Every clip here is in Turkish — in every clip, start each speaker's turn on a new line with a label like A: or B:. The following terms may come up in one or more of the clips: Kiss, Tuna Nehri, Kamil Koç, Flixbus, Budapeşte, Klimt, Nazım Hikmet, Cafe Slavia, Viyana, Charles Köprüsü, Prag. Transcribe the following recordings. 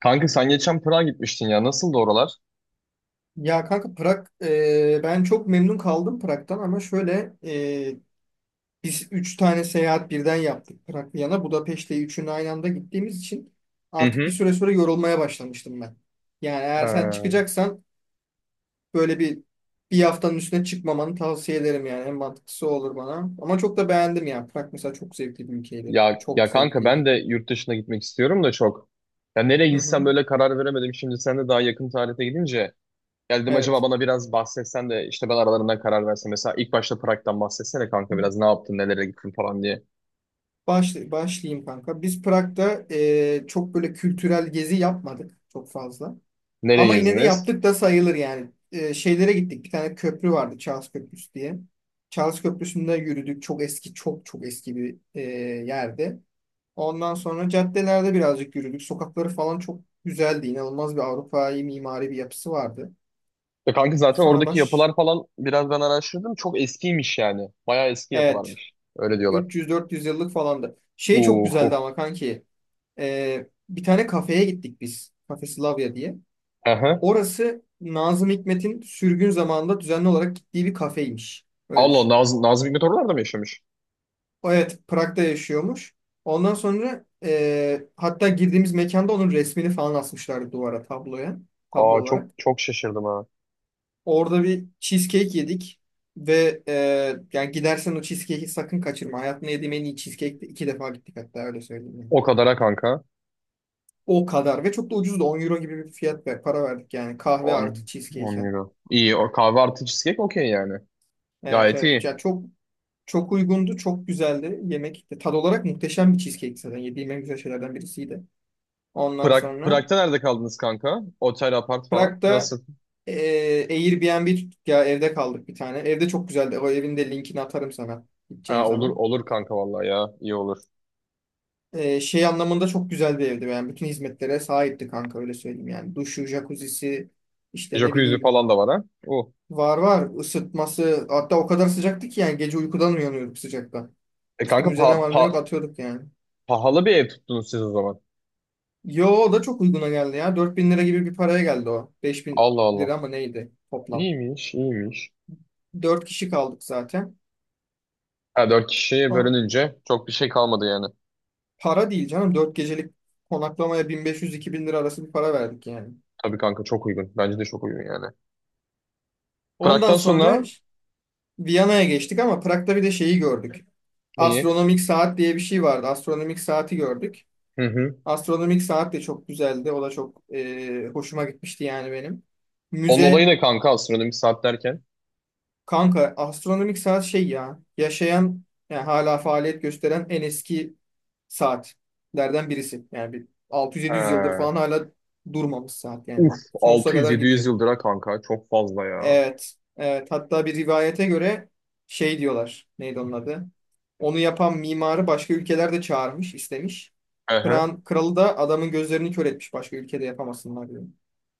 A: Kanka sen geçen Prag'a gitmiştin ya. Nasıldı oralar?
B: Ya kanka Prag, ben çok memnun kaldım Prag'dan, ama şöyle biz üç tane seyahat birden yaptık: Prag, Viyana, Budapeşte. Üçünü aynı anda gittiğimiz için
A: Hı
B: artık bir
A: hı.
B: süre sonra yorulmaya başlamıştım ben. Yani eğer sen
A: Ee,
B: çıkacaksan böyle bir haftanın üstüne çıkmamanı tavsiye ederim, yani en mantıklısı o olur bana. Ama çok da beğendim ya, Prag mesela çok zevkli bir ülkeydi. Çok
A: kanka ben
B: zevkliydi.
A: de yurt dışına gitmek istiyorum da çok. Ya nereye
B: Hı hı.
A: gitsem böyle karar veremedim. Şimdi sen de daha yakın tarihte gidince geldim acaba
B: Evet.
A: bana biraz bahsetsen de işte ben aralarından karar versem. Mesela ilk başta Prag'dan bahsetsene kanka biraz ne yaptın, nelere gittin falan diye.
B: Başlayayım kanka. Biz Prag'da çok böyle kültürel gezi yapmadık çok fazla.
A: Nereye
B: Ama yine de
A: gezdiniz?
B: yaptık da sayılır yani. Şeylere gittik. Bir tane köprü vardı, Charles Köprüsü diye. Charles Köprüsü'nde yürüdük. Çok eski, çok çok eski bir yerde. Ondan sonra caddelerde birazcık yürüdük. Sokakları falan çok güzeldi. İnanılmaz bir Avrupa'yı mimari bir yapısı vardı.
A: Ya kanka zaten
B: Sonra
A: oradaki
B: baş...
A: yapılar falan biraz ben araştırdım. Çok eskiymiş yani. Bayağı eski
B: Evet.
A: yapılarmış. Öyle diyorlar.
B: 300-400 yıllık falandı. Şey çok güzeldi
A: Uhu.
B: ama kanki. Bir tane kafeye gittik biz, Cafe Slavia diye.
A: Aha.
B: Orası Nazım Hikmet'in sürgün zamanında düzenli olarak gittiği bir kafeymiş. Öyle
A: Allah
B: düşün.
A: Nazım Hikmet oralarda mı yaşamış?
B: Evet, Prag'da yaşıyormuş. Ondan sonra hatta girdiğimiz mekanda onun resmini falan asmışlardı duvara, tabloya, tablo
A: Aa, çok
B: olarak.
A: çok şaşırdım ha.
B: Orada bir cheesecake yedik ve yani gidersen o cheesecake'i sakın kaçırma. Hayatımda yediğim en iyi cheesecake'ti. 2 defa gittik hatta, öyle söyleyeyim yani.
A: O kadara kanka.
B: O kadar, ve çok da ucuzdu. 10 euro gibi bir fiyat ve para verdik yani, kahve artı
A: on on
B: cheesecake'e.
A: euro. İyi o kahve artı cheesecake okey yani.
B: Evet,
A: Gayet
B: evet.
A: iyi.
B: Çok uygundu, çok güzeldi yemek. Tad olarak muhteşem bir cheesecake zaten. Yediğim en güzel şeylerden birisiydi. Ondan sonra
A: Prag'da nerede kaldınız kanka? Otel, apart falan.
B: Prag'da
A: Nasıl?
B: Airbnb tuttuk ya, evde kaldık bir tane. Evde çok güzeldi. O evin de linkini atarım sana gideceğin
A: Ha, olur
B: zaman.
A: olur kanka vallahi ya. İyi olur.
B: Şey anlamında çok güzel bir evdi. Yani bütün hizmetlere sahipti kanka, öyle söyleyeyim yani. Duşu, jacuzzisi, işte ne
A: Jacuzzi
B: bileyim.
A: falan da var ha.
B: Var, var, ısıtması hatta o kadar sıcaktı ki yani gece uykudan uyanıyorduk sıcaktan.
A: E kanka pa,
B: Üstümüze ne var ne
A: pa-
B: yok atıyorduk yani.
A: Pahalı bir ev tuttunuz siz o zaman.
B: Yo, o da çok uyguna geldi ya. 4.000 lira gibi bir paraya geldi o. Beş bin
A: Allah Allah.
B: lira mı neydi toplam.
A: İyiymiş, iyiymiş.
B: 4 kişi kaldık zaten.
A: Ha, 4 kişiye
B: Ama
A: bölününce çok bir şey kalmadı yani.
B: para değil canım. 4 gecelik konaklamaya 1.500-2.000 lira arası bir para verdik yani.
A: Tabii kanka çok uygun. Bence de çok uygun yani.
B: Ondan
A: Prag'dan
B: sonra
A: sonra
B: Viyana'ya geçtik ama Prag'da bir de şeyi gördük.
A: iyi.
B: Astronomik saat diye bir şey vardı. Astronomik saati gördük.
A: Hı hı.
B: Astronomik saat de çok güzeldi. O da çok hoşuma gitmişti yani benim.
A: Onun olayı
B: Müze
A: ne kanka astronomi saat derken?
B: Kanka astronomik saat şey ya, yaşayan yani hala faaliyet gösteren en eski saatlerden birisi. Yani bir 600-700 yıldır
A: Ee,
B: falan hala durmamış saat,
A: uf
B: yani sonsuza kadar
A: 600-700
B: gidiyor.
A: yıldır ha kanka çok fazla ya.
B: Evet, evet, hatta bir rivayete göre şey diyorlar, neydi onun adı? Onu yapan mimarı başka ülkeler de çağırmış, istemiş.
A: Aha.
B: Kral, kralı da adamın gözlerini kör etmiş, başka ülkede yapamasınlar diyor.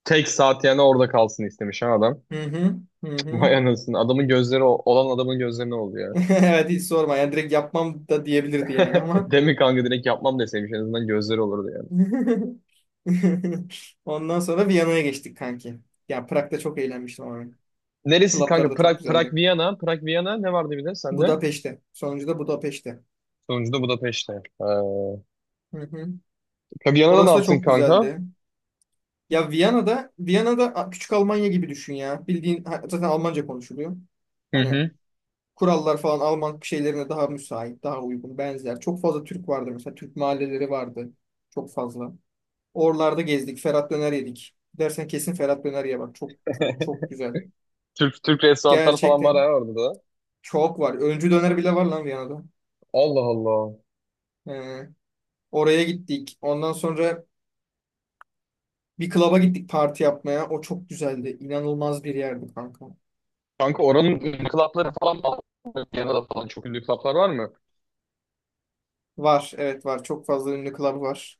A: Tek saat yani orada kalsın istemiş ha adam.
B: Hı hı, hı
A: Cık,
B: hı.
A: vay anasını. Adamın gözleri olan adamın gözleri ne oldu ya?
B: Evet, hiç sorma yani, direkt yapmam da diyebilirdi yani ama.
A: Demin kanka direkt yapmam deseymiş en azından gözleri olurdu yani.
B: Ondan sonra Viyana'ya geçtik kanki. Ya Prag'da çok eğlenmiştim abi.
A: Neresi kanka?
B: Klaplar da çok
A: Prag,
B: güzeldi.
A: Viyana. Viyana ne vardı bir de sende?
B: Budapeşte. Sonuncu da Budapeşte.
A: Sonucunda Budapeşte. Ee,
B: Hı hı.
A: Viyana'da ne
B: Orası da
A: yaptın
B: çok
A: kanka?
B: güzeldi. Ya Viyana'da, küçük Almanya gibi düşün ya. Bildiğin zaten Almanca konuşuluyor.
A: Hı
B: Hani
A: hı.
B: kurallar falan Alman şeylerine daha müsait, daha uygun, benzer. Çok fazla Türk vardı mesela. Türk mahalleleri vardı. Çok fazla. Oralarda gezdik. Ferhat Döner yedik. Dersen kesin Ferhat Döner ye bak. Çok çok çok güzel.
A: Türk restoranlar falan var
B: Gerçekten
A: ha orada da.
B: çok var. Öncü döner bile var lan Viyana'da.
A: Allah Allah.
B: Ee, Oraya gittik. Ondan sonra bir klaba gittik parti yapmaya. O çok güzeldi. İnanılmaz bir yerdi kanka.
A: Kanka oranın ünlü club'ları falan var mı? Viyana'da falan çok ünlü club'lar var mı?
B: Var. Evet var. Çok fazla ünlü klab var.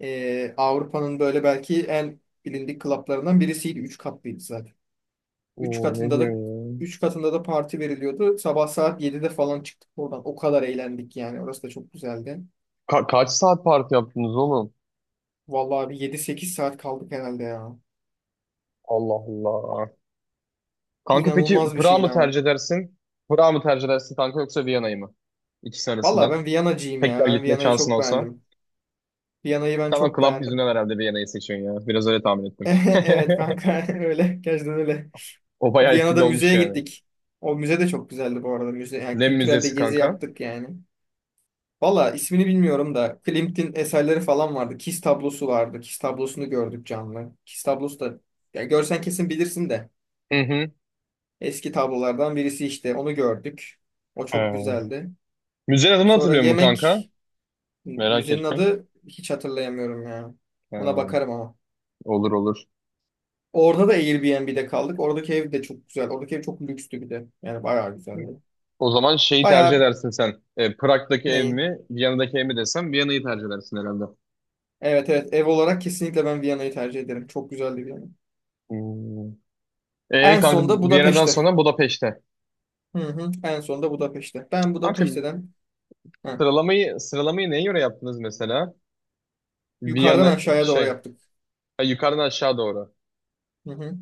B: Avrupa'nın böyle belki en bilindik klaplarından birisiydi. Üç katlıydı zaten. Üç
A: Oo ne
B: katında da
A: diyorsun ya?
B: Üç katında da parti veriliyordu. Sabah saat 7'de falan çıktık oradan. O kadar eğlendik yani. Orası da çok güzeldi.
A: Kaç saat parti yaptınız oğlum?
B: Vallahi bir 7-8 saat kaldık herhalde ya.
A: Allah Allah. Kanka peki
B: İnanılmaz bir
A: Prag'ı
B: şeydi
A: mı
B: ama.
A: tercih edersin? Prag'ı mı tercih edersin kanka yoksa Viyana'yı mı? İkisi
B: Valla
A: arasından.
B: ben Viyana'cıyım ya.
A: Tekrar
B: Ben
A: gitme
B: Viyana'yı
A: şansın
B: çok
A: olsa.
B: beğendim. Viyana'yı ben
A: Tamam,
B: çok
A: club
B: beğendim.
A: yüzünden herhalde Viyana'yı seçiyorsun ya. Biraz öyle tahmin ettim.
B: Evet kanka, öyle. Gerçekten öyle.
A: O bayağı etkili
B: Viyana'da
A: olmuş
B: müzeye
A: yani.
B: gittik. O müze de çok güzeldi bu arada. Müze, yani
A: Lem
B: kültürel de
A: Müzesi
B: gezi
A: kanka.
B: yaptık yani. Valla ismini bilmiyorum da Klimt'in eserleri falan vardı. Kiss tablosu vardı. Kiss tablosunu gördük canlı. Kiss tablosu da, ya görsen kesin bilirsin de.
A: Hı hı.
B: Eski tablolardan birisi işte. Onu gördük. O çok
A: Ee,
B: güzeldi.
A: Müzenin adını
B: Sonra
A: hatırlıyor musun kanka?
B: yemek
A: Merak
B: Müzenin
A: ettim.
B: adı hiç hatırlayamıyorum ya. Ona
A: Ee,
B: bakarım ama.
A: olur olur.
B: Orada da Airbnb'de kaldık. Oradaki ev de çok güzel. Oradaki ev çok lükstü bir de. Yani bayağı güzeldi.
A: O zaman şeyi tercih
B: Bayağı
A: edersin sen. E, Prag'daki ev
B: neyin?
A: mi, Viyana'daki ev mi desem Viyana'yı tercih edersin herhalde.
B: Evet, evet, ev olarak kesinlikle ben Viyana'yı tercih ederim. Çok güzeldi Viyana.
A: Hmm. E,
B: En
A: kanka
B: son da
A: Viyana'dan
B: Budapeşte.
A: sonra Budapeşte.
B: Hı hı. En son da Budapeşte.
A: Kanka
B: Ha,
A: sıralamayı neye göre yaptınız mesela?
B: Yukarıdan
A: Viyana
B: aşağıya doğru
A: şey
B: yaptık.
A: Ha, yukarıdan aşağı doğru.
B: Hı hı.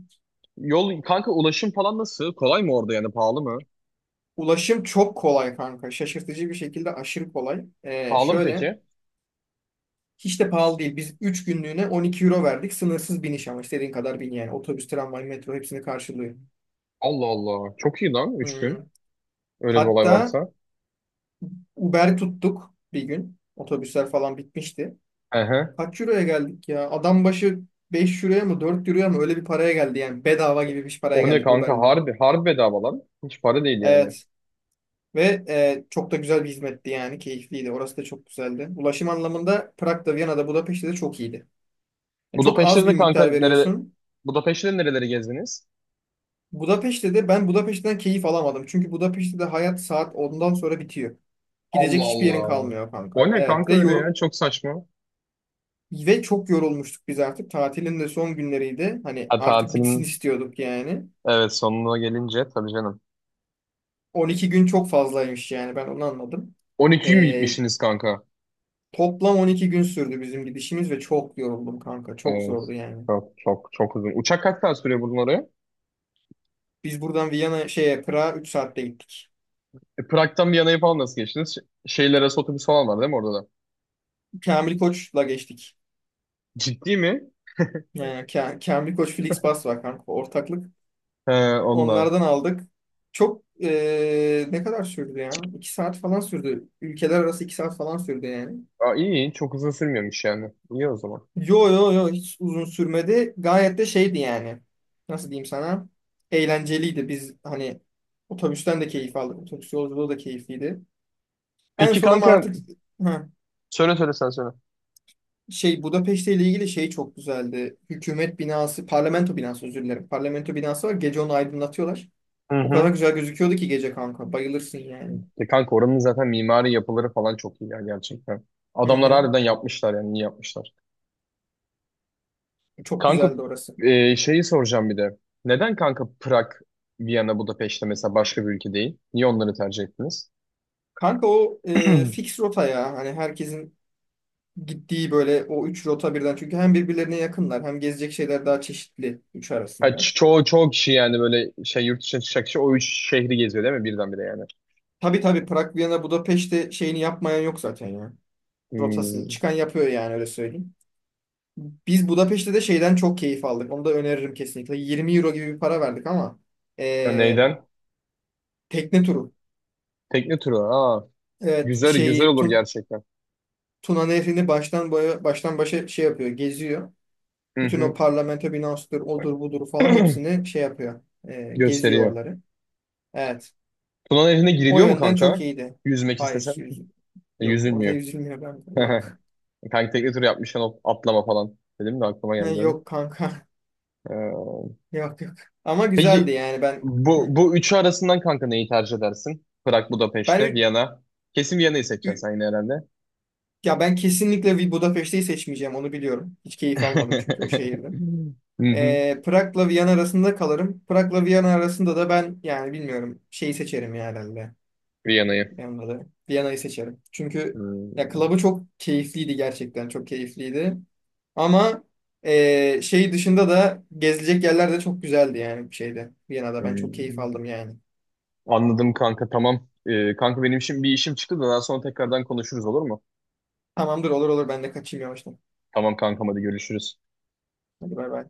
A: Yol kanka ulaşım falan nasıl? Kolay mı orada yani pahalı mı?
B: Ulaşım çok kolay kanka. Şaşırtıcı bir şekilde aşırı kolay.
A: Pahalı mı
B: Şöyle
A: peki?
B: Hiç de pahalı değil. Biz 3 günlüğüne 12 euro verdik. Sınırsız biniş, ama istediğin kadar bin yani. Otobüs, tramvay, metro hepsini karşılıyor.
A: Allah Allah. Çok iyi lan üç gün.
B: Hı.
A: Öyle bir olay
B: Hatta
A: varsa.
B: Uber tuttuk bir gün. Otobüsler falan bitmişti.
A: Ehe.
B: Kaç euroya geldik ya? Adam başı 5 euroya mı 4 euroya mı öyle bir paraya geldi yani. Bedava gibi bir paraya
A: O ne
B: geldik
A: kanka,
B: Uber'le.
A: harbi harbi bedava lan. Hiç para değil yani.
B: Evet. Ve çok da güzel bir hizmetti yani. Keyifliydi. Orası da çok güzeldi. Ulaşım anlamında Prag'da, Viyana'da, Budapeşte de çok iyiydi. Yani çok az
A: Budapeşte'de
B: bir
A: de kanka
B: miktar
A: nere
B: veriyorsun.
A: Budapeşte'de nereleri gezdiniz?
B: Budapeşte de Ben Budapeşte'den keyif alamadım. Çünkü Budapeşte'de hayat saat ondan sonra bitiyor. Gidecek
A: Allah
B: hiçbir yerin
A: Allah.
B: kalmıyor kanka.
A: O ne
B: Evet.
A: kanka öyle ya? Çok saçma.
B: Ve çok yorulmuştuk biz artık. Tatilin de son günleriydi. Hani
A: Ha,
B: artık bitsin
A: tatilin
B: istiyorduk yani.
A: evet sonuna gelince tabii canım.
B: 12 gün çok fazlaymış yani, ben onu anladım.
A: 12 gün mü
B: Ee,
A: gitmişsiniz kanka?
B: Toplam 12 gün sürdü bizim gidişimiz ve çok yoruldum kanka. Çok
A: Evet.
B: zordu yani.
A: Çok çok çok uzun. Uçak kaç saat sürüyor buradan oraya?
B: Biz buradan Viyana şeye Prag'a 3 saatte gittik.
A: E, Prag'dan Viyana'ya falan nasıl geçtiniz? Şeyler arası otobüs falan var değil mi orada da?
B: Kamil Koç'la geçtik.
A: Ciddi mi?
B: Yani Kamil Koç Flixbus var kanka, ortaklık.
A: He, onunla.
B: Onlardan aldık. Çok ne kadar sürdü ya? 2 saat falan sürdü. Ülkeler arası 2 saat falan sürdü yani.
A: Aa, iyi iyi. Çok uzun sürmüyormuş yani. İyi o zaman.
B: Yo, yo, yo, hiç uzun sürmedi. Gayet de şeydi yani. Nasıl diyeyim sana? Eğlenceliydi. Biz hani otobüsten de keyif aldık. Otobüs yolculuğu da keyifliydi. En
A: Peki
B: son ama
A: kanka,
B: artık ha,
A: söyle söyle sen söyle.
B: Şey Budapeşte ile ilgili şey çok güzeldi. Hükümet binası, parlamento binası, özür dilerim. Parlamento binası var. Gece onu aydınlatıyorlar.
A: Hı
B: O
A: hı.
B: kadar güzel gözüküyordu ki gece kanka. Bayılırsın yani.
A: E kanka oranın zaten mimari yapıları falan çok iyi ya gerçekten.
B: Hı
A: Adamlar
B: hı.
A: harbiden yapmışlar yani iyi yapmışlar.
B: Çok
A: Kanka
B: güzeldi orası.
A: e, şeyi soracağım bir de. Neden kanka Prag, Viyana, Budapeşte mesela başka bir ülke değil? Niye onları tercih ettiniz?
B: Kanka o fix rota ya. Hani herkesin gittiği böyle o üç rota birden, çünkü hem birbirlerine yakınlar hem gezecek şeyler daha çeşitli üç
A: Ha,
B: arasında.
A: çoğu kişi yani böyle şey yurt dışına çıkacak kişi o üç şehri geziyor değil mi birdenbire yani?
B: Tabii, tabii, Prag, Viyana, Budapeşte şeyini yapmayan yok zaten ya. Rotasını
A: Hmm.
B: çıkan yapıyor yani, öyle söyleyeyim. Biz Budapeşte de şeyden çok keyif aldık. Onu da öneririm kesinlikle. 20 euro gibi bir para verdik ama
A: Ya
B: eee,
A: neyden?
B: tekne turu.
A: Tekne turu. Aa,
B: Evet,
A: güzel güzel
B: şeyi
A: olur
B: Tun
A: gerçekten.
B: Tuna Nehri'ni baştan boya, baştan başa şey yapıyor, geziyor.
A: Hı
B: Bütün o
A: hı.
B: parlamento binasıdır, odur budur falan hepsini şey yapıyor. Geziyor
A: Gösteriyor.
B: oraları. Evet.
A: Tuna Nehri'ne
B: O
A: giriliyor mu
B: yönden çok
A: kanka?
B: iyiydi.
A: Yüzmek istesen.
B: Hayır,
A: E,
B: yok. Orada
A: yüzülmüyor.
B: yüzülmüyor bende. Yok.
A: Kanka tekne turu yapmışken o atlama falan. Dedim de aklıma geldi onu.
B: Yok kanka.
A: Ee,
B: Yok, yok. Ama güzeldi
A: Peki
B: yani ben.
A: bu
B: Hı.
A: üçü arasından kanka neyi tercih edersin? Prag,
B: Ben
A: Budapeşte,
B: ü-
A: Viyana. Kesin Viyana'yı seçeceksin
B: ü-
A: sen yine herhalde.
B: Ya ben kesinlikle bir Budapeşte'yi seçmeyeceğim, onu biliyorum. Hiç keyif almadım çünkü o şehirde.
A: Hı hı.
B: Prag'la Viyana arasında kalırım. Prag'la Viyana arasında da ben yani bilmiyorum, şeyi seçerim ya herhalde.
A: Viyana'yı.
B: Benim de Viyana'yı seçerim. Çünkü ya
A: Hmm,
B: klabı çok keyifliydi gerçekten. Çok keyifliydi. Ama şey dışında da gezilecek yerler de çok güzeldi yani şeyde. Viyana'da ben çok keyif
A: hmm.
B: aldım yani.
A: Anladım kanka tamam. Kanka benim şimdi bir işim çıktı da daha sonra tekrardan konuşuruz olur mu?
B: Tamamdır, olur olur, ben de kaçayım yavaştan.
A: Tamam kankam, hadi görüşürüz.
B: Hadi bay bay.